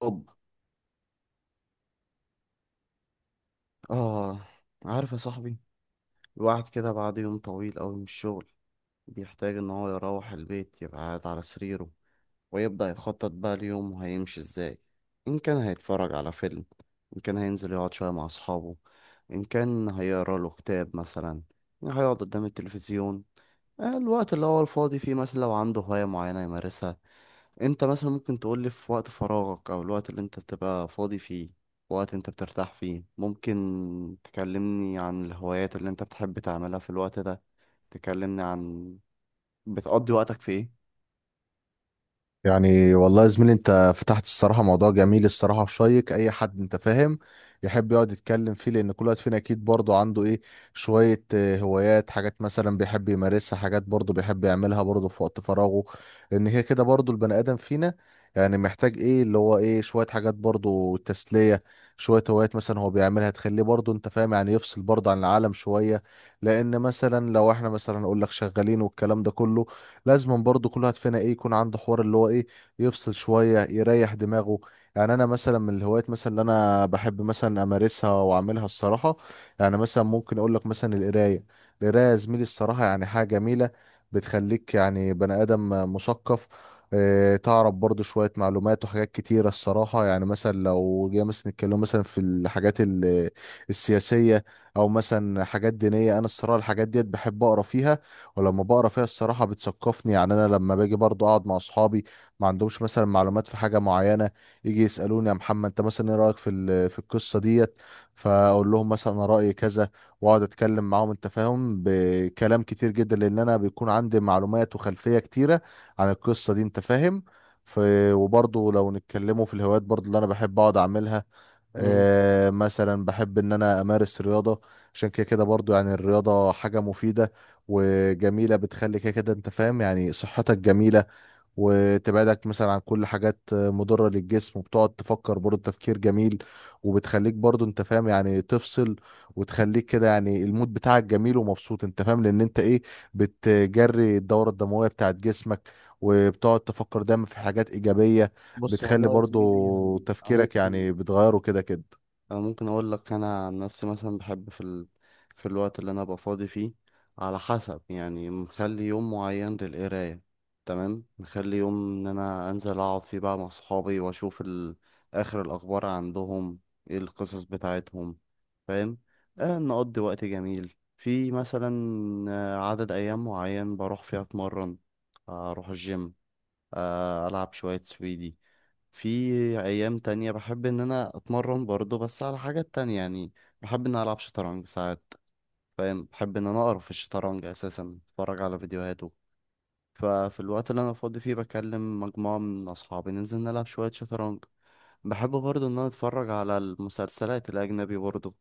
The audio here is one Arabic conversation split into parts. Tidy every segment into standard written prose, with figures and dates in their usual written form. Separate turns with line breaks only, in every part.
طب، آه، عارف يا صاحبي، الواحد كده بعد يوم طويل أوي من الشغل بيحتاج إن هو يروح البيت يبقى قاعد على سريره ويبدأ يخطط بقى ليومه هيمشي إزاي، إن كان هيتفرج على فيلم، إن كان هينزل يقعد شوية مع أصحابه، إن كان هيقرا له كتاب مثلا، هيقعد قدام التلفزيون. آه، الوقت اللي هو الفاضي فيه مثلا لو عنده هواية معينة يمارسها. انت مثلا ممكن تقولي في وقت فراغك او الوقت اللي انت بتبقى فاضي فيه، وقت انت بترتاح فيه، ممكن تكلمني عن الهوايات اللي انت بتحب تعملها في الوقت ده. تكلمني عن بتقضي وقتك في ايه؟
يعني والله يا زميلي انت فتحت الصراحة موضوع جميل الصراحة وشيق. اي حد انت فاهم يحب يقعد يتكلم فيه، لان كل واحد فينا اكيد برضه عنده ايه شوية هوايات، حاجات مثلا بيحب يمارسها، حاجات برضه بيحب يعملها برضه في وقت فراغه. لان هي كده برضه البني ادم فينا يعني محتاج ايه اللي هو ايه شوية حاجات برضه تسلية، شوية هوايات مثلا هو بيعملها تخليه برضه انت فاهم يعني يفصل برضه عن العالم شوية. لان مثلا لو احنا مثلا اقول لك شغالين والكلام ده كله، لازما برضو كل واحد فينا ايه يكون عنده حوار اللي هو ايه يفصل شوية يريح دماغه. يعني انا مثلا من الهوايات مثلا اللي انا بحب مثلا امارسها واعملها الصراحة، يعني مثلا ممكن اقول لك مثلا القراية. القراية يا زميلي الصراحة يعني حاجة جميلة، بتخليك يعني بني ادم مثقف. تعرف برضو شوية معلومات وحاجات كتيرة الصراحة. يعني مثلا لو جينا مثلا نتكلم مثلا في الحاجات السياسية، أو مثلا حاجات دينية، أنا الصراحة الحاجات ديت بحب أقرأ فيها. ولما بقرا فيها الصراحه بتثقفني، يعني انا لما باجي برضو اقعد مع اصحابي ما عندهمش مثلا معلومات في حاجه معينه، يجي يسالوني يا محمد انت مثلا ايه رايك في في القصه ديت، فاقول لهم مثلا انا رايي كذا، واقعد اتكلم معاهم انت فاهم بكلام كتير جدا، لان انا بيكون عندي معلومات وخلفيه كتيره عن القصه دي انت فاهم. ف... وبرضه لو نتكلموا في الهوايات برضه اللي انا بحب اقعد اعملها،
مم.
مثلا بحب ان انا امارس رياضة. عشان كده كده برضو يعني الرياضة حاجة مفيدة وجميلة، بتخلي كده كده انت فاهم يعني صحتك جميلة، وتبعدك مثلا عن كل حاجات مضرة للجسم، وبتقعد تفكر برضو تفكير جميل، وبتخليك برضو انت فاهم يعني تفصل، وتخليك كده يعني المود بتاعك جميل ومبسوط، انت فاهم لان انت ايه بتجري الدورة الدموية بتاعت جسمك، وبتقعد تفكر دايما في حاجات إيجابية،
بص
بتخلي
والله يا زميلي،
برضو
يعني أنا
تفكيرك
ممكن
يعني بتغيره كده كده.
أنا ممكن أقول لك، أنا عن نفسي مثلا بحب في الوقت اللي أنا أبقى فاضي فيه، على حسب، يعني مخلي يوم معين للقراية، تمام، مخلي يوم إن أنا أنزل أقعد فيه بقى مع صحابي وأشوف آخر الأخبار عندهم، إيه القصص بتاعتهم، فاهم؟ آه، نقضي وقت جميل في مثلا، آه، عدد أيام معين بروح فيها أتمرن، آه، أروح الجيم، آه، ألعب شوية سويدي. في ايام تانية بحب ان انا اتمرن برضه بس على حاجات تانية، يعني بحب ان انا العب شطرنج ساعات، فاهم؟ بحب ان انا اقرا في الشطرنج اساسا، اتفرج على فيديوهاته. ففي الوقت اللي انا فاضي فيه بكلم مجموعة من اصحابي ننزل نلعب شوية شطرنج. بحب برضه ان انا اتفرج على المسلسلات الاجنبي برضه،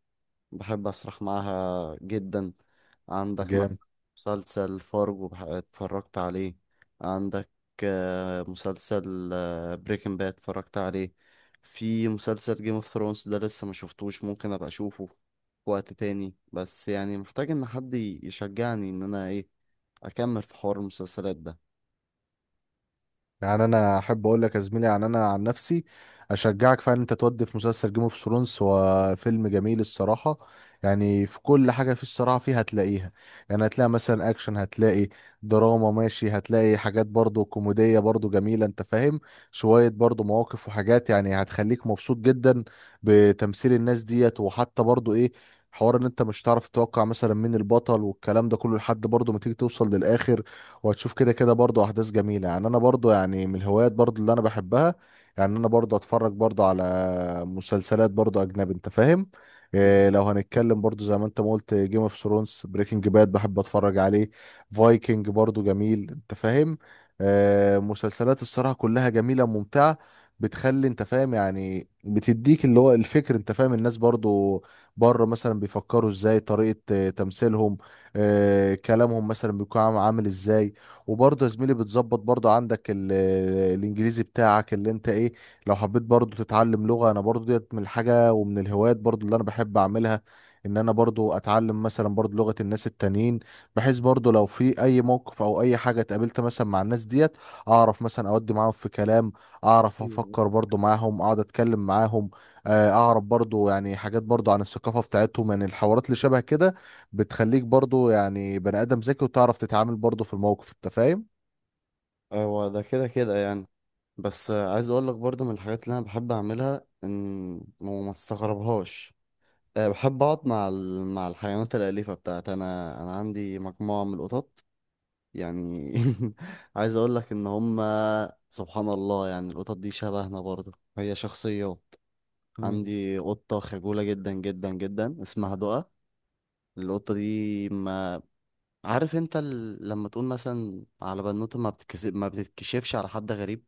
بحب أسرح معاها جدا. عندك
جامد.
مثلا مسلسل فارجو اتفرجت عليه، عندك آه، مسلسل آه، بريكنج باد اتفرجت عليه. في مسلسل جيم اوف ثرونز ده لسه ما شفتوش، ممكن ابقى اشوفه في وقت تاني، بس يعني محتاج ان حد يشجعني ان انا ايه، اكمل في حوار المسلسلات ده.
يعني انا احب اقول لك يا زميلي يعني انا عن نفسي اشجعك فعلا انت تودي في مسلسل جيم اوف ثرونز، هو فيلم جميل الصراحه. يعني في كل حاجه في الصراحه فيه هتلاقيها، يعني هتلاقي مثلا اكشن، هتلاقي دراما، ماشي، هتلاقي حاجات برضو كوميديه برضو جميله انت فاهم، شويه برضو مواقف وحاجات يعني هتخليك مبسوط جدا بتمثيل الناس ديت، وحتى برضو ايه حوار ان انت مش هتعرف تتوقع مثلا مين البطل والكلام ده كله لحد برضو ما تيجي توصل للاخر، وهتشوف كده كده برضو احداث جميله. يعني انا برضو يعني من الهوايات برضو اللي انا بحبها، يعني انا برضو اتفرج برضو على مسلسلات برضو اجنبي انت فاهم.
مم.
إيه لو هنتكلم برضو زي ما انت ما قلت، جيم اوف ثرونز، بريكنج باد بحب اتفرج عليه، فايكنج برضو جميل انت فاهم. آه، مسلسلات الصراحه كلها جميله ممتعه، بتخلي انت فاهم يعني بتديك اللي هو الفكر انت فاهم. الناس برضو بره مثلا بيفكروا ازاي، طريقة تمثيلهم، كلامهم مثلا بيكون عامل ازاي. وبرضه يا زميلي بتظبط برضه عندك الانجليزي بتاعك اللي انت ايه. لو حبيت برضه تتعلم لغة، انا برضه ديت من الحاجة ومن الهوايات برضه اللي انا بحب اعملها، ان انا برضه اتعلم مثلا برضه لغة الناس التانيين، بحيث برضه لو في اي موقف او اي حاجة اتقابلت مثلا مع الناس ديت اعرف مثلا اودي معاهم في كلام، اعرف افكر
ايوه.
برضه معاهم اقعد اتكلم معاهم، اعرف برضه يعني حاجات برضه عن الثقافة بتاعتهم، يعني الحوارات اللي شبه كده بتخليك برضو يعني بني ادم ذكي وتعرف تتعامل برضو في الموقف انت فاهم.
أيوة. هو ده كده كده يعني. بس آه، عايز اقول لك برضه من الحاجات اللي انا بحب اعملها ان وما استغربهاش، أه، بحب أقعد مع مع الحيوانات الأليفة بتاعتي. أنا أنا عندي مجموعة من القطط، يعني عايز أقول لك إن هما سبحان الله، يعني القطط دي شبهنا برضه، هي شخصيات.
مم.
عندي قطة خجولة جدا جدا جدا اسمها دقة. القطة دي ما، عارف أنت لما تقول مثلا على بنوتة ما بتتكسب، ما بتتكشفش على حد غريب،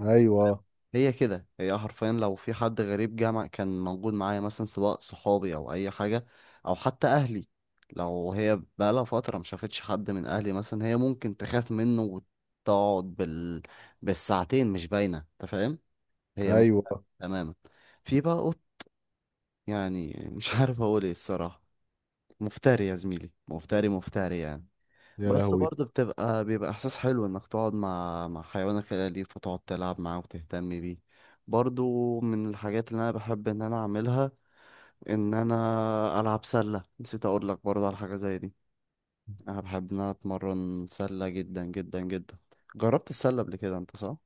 ايوه.
هي كده، هي حرفيا لو في حد غريب جه كان موجود معايا مثلا، سواء صحابي او اي حاجه او حتى اهلي، لو هي بقالها فتره ما شافتش حد من اهلي مثلا، هي ممكن تخاف منه وتقعد بالساعتين مش باينه، انت فاهم؟ هي م...
ايوه.
تماما. في بقى قط، يعني مش عارف اقول ايه الصراحه، مفتري يا زميلي، مفتري مفتري يعني.
يا
بس
لهوي.
برضه بيبقى احساس حلو انك تقعد مع حيوانك الاليف وتقعد تلعب معاه وتهتم بيه برضه. من الحاجات اللي انا بحب ان انا اعملها ان انا العب سله، نسيت اقول لك برضه على حاجه زي دي. انا بحب ان انا اتمرن سله جدا جدا جدا. جربت السله قبل كده انت صح؟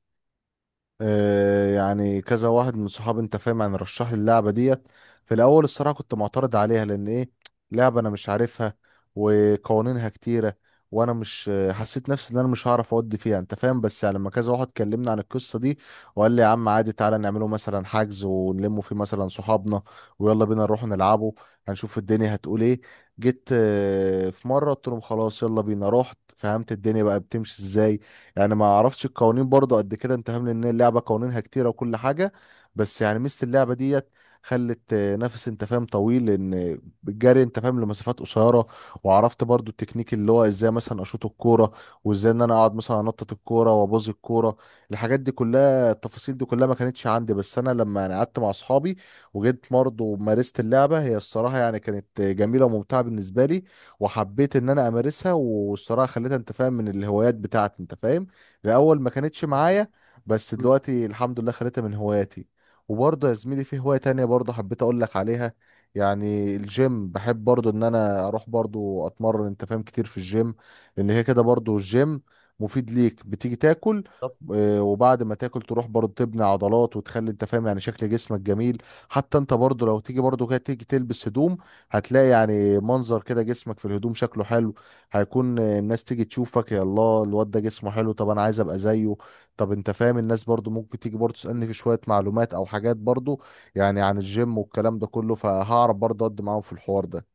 يعني كذا واحد من صحابي انت فاهم يعني رشح لي اللعبه ديت. في الاول الصراحه كنت معترض عليها لان ايه، لعبه انا مش عارفها وقوانينها كتيره، وانا مش حسيت نفسي ان انا مش هعرف اودي فيها انت فاهم. بس يعني لما كذا واحد كلمنا عن القصه دي وقال لي يا عم عادي تعالى نعمله مثلا حجز ونلمه فيه مثلا صحابنا ويلا بينا نروح نلعبه، هنشوف الدنيا هتقول ايه. جيت في مره قلت لهم خلاص يلا بينا، رحت فهمت الدنيا بقى بتمشي ازاي. يعني ما اعرفش القوانين برضه قد كده انت فاهم لان اللعبه قوانينها كتيره وكل حاجه، بس يعني ميزه اللعبه ديت خلت نفس انت فاهم طويل، لان بالجري انت فاهم لمسافات قصيره. وعرفت برضو التكنيك اللي هو ازاي مثلا اشوط الكوره، وازاي ان انا اقعد مثلا انطط الكوره وابوظ الكوره. الحاجات دي كلها التفاصيل دي كلها ما كانتش عندي، بس انا لما يعني قعدت مع اصحابي وجيت برضه ومارست اللعبه، هي الصراحه يعني كانت جميله وممتعه بالنسبه لي، وحبيت ان انا امارسها، والصراحه خليتها انت فاهم من الهوايات بتاعتي انت فاهم. الاول ما كانتش معايا، بس
مم.
دلوقتي الحمد لله خليتها من هواياتي. وبرضه يا زميلي في هواية تانية برضه حبيت اقول لك عليها، يعني الجيم بحب برضه ان انا اروح برضه اتمرن انت فاهم كتير في الجيم. لان هي كده برضه الجيم مفيد ليك، بتيجي تاكل،
طب
وبعد ما تاكل تروح برضه تبني عضلات، وتخلي انت فاهم يعني شكل جسمك جميل. حتى انت برضه لو تيجي برضه كده تيجي تلبس هدوم، هتلاقي يعني منظر كده جسمك في الهدوم شكله حلو، هيكون الناس تيجي تشوفك يا الله الواد ده جسمه حلو طب انا عايز ابقى زيه. طب انت فاهم الناس برضو ممكن تيجي برضو تسألني في شوية معلومات او حاجات برضو يعني عن الجيم والكلام ده كله، فهعرف برضو اقدم معاهم في الحوار ده.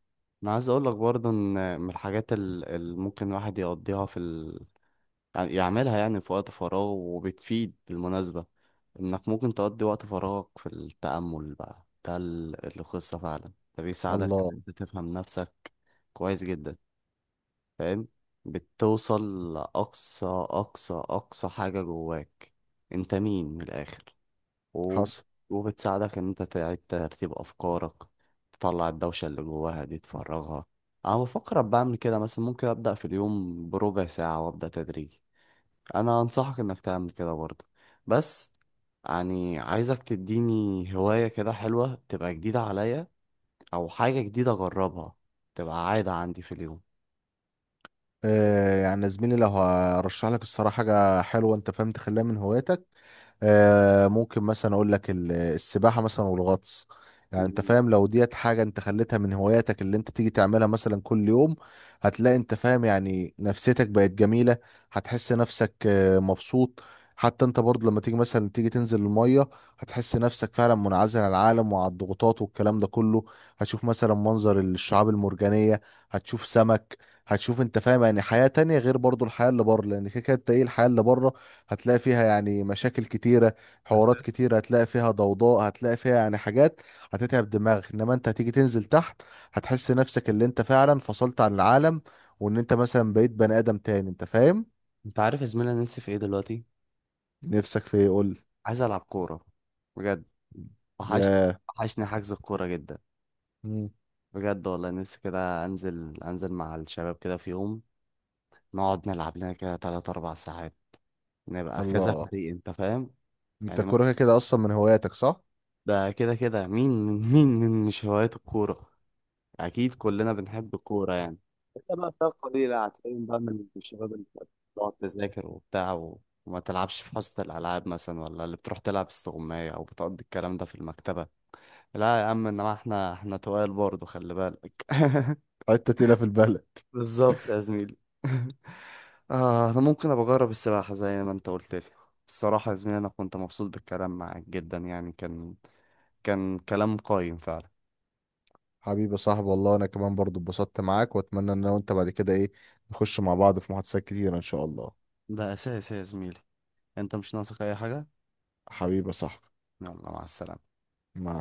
انا عايز اقول لك برضه ان من الحاجات اللي ممكن الواحد يقضيها في، يعني يعملها يعني في وقت فراغه وبتفيد بالمناسبة، إنك ممكن تقضي وقت فراغك في التأمل بقى. ده القصة فعلا، ده بيساعدك
الله.
إن أنت تفهم نفسك كويس جدا، فاهم؟ بتوصل لأقصى أقصى أقصى حاجة جواك، أنت مين من الآخر، و...
حصل.
وبتساعدك إن أنت تعيد ترتيب أفكارك، تطلع الدوشة اللي جواها دي تفرغها. أنا بفكر أبقى أعمل كده مثلا، ممكن أبدأ في اليوم بربع ساعة وأبدأ تدريجي. انا انصحك انك تعمل كده برضه. بس يعني عايزك تديني هواية كده حلوة تبقى جديدة عليا، او حاجة جديدة اجربها تبقى عادة عندي في اليوم.
آه يعني يا زميلي لو هرشح لك الصراحة حاجة حلوة انت فاهم تخليها من هواياتك، ممكن مثلا اقول لك السباحه مثلا والغطس. يعني انت
مم.
فاهم لو ديت حاجه انت خليتها من هواياتك اللي انت تيجي تعملها مثلا كل يوم، هتلاقي انت فاهم يعني نفسيتك بقت جميله، هتحس نفسك مبسوط. حتى انت برضه لما تيجي مثلا تيجي تنزل الميه، هتحس نفسك فعلا منعزل عن العالم وعن الضغوطات والكلام ده كله. هتشوف مثلا منظر الشعاب المرجانيه، هتشوف سمك، هتشوف انت فاهم يعني حياه تانية غير برضه الحياه اللي بره. لان كده كده انت ايه الحياه اللي بره هتلاقي فيها يعني مشاكل كتيرة،
بس
حوارات كتيرة، هتلاقي فيها ضوضاء، هتلاقي فيها يعني حاجات هتتعب دماغك. انما انت هتيجي تنزل تحت هتحس نفسك اللي انت فعلا فصلت عن العالم، وان انت مثلا بقيت بني ادم تاني انت فاهم.
انت عارف يا زميلي انا نفسي في ايه دلوقتي؟
نفسك في ايه قول لي.
عايز العب كورة، بجد. وحشني،
يا.
وحشني حجز الكورة جدا،
مم.
بجد والله. نفسي كده انزل، انزل مع الشباب كده في يوم، نقعد نلعب لنا كده 3 4 ساعات، نبقى كذا
الله.
فريق، انت فاهم؟
انت
يعني
كوره
مثلا
كده اصلا من هواياتك صح؟
ده كده كده، مين مين مين مين مش هوايته الكورة؟ اكيد كلنا بنحب الكوره يعني، الا بقى فئه قليله هتلاقيهم بقى من الشباب اللي بتقعد تذاكر وبتاع و... وما تلعبش في حصه الالعاب مثلا، ولا اللي بتروح تلعب استغمايه او بتقضي الكلام ده في المكتبه. لا يا عم، انما احنا تقال برضه، خلي بالك
حتة تقيلة في البلد.
بالظبط يا زميلي آه انا ممكن ابقى اجرب السباحه زي ما انت قلت لي. الصراحه يا زميلي انا كنت مبسوط بالكلام معاك جدا، يعني كان كلام قايم فعلا.
حبيبي يا صاحبي، والله انا كمان برضو اتبسطت معاك، واتمنى ان انا وانت بعد كده ايه نخش مع بعض في محادثات كتيرة ان شاء الله.
ده اساسي يا زميلي، انت مش ناقصك اي حاجه.
حبيبي يا صاحبي.
يلا، مع السلامه.
مع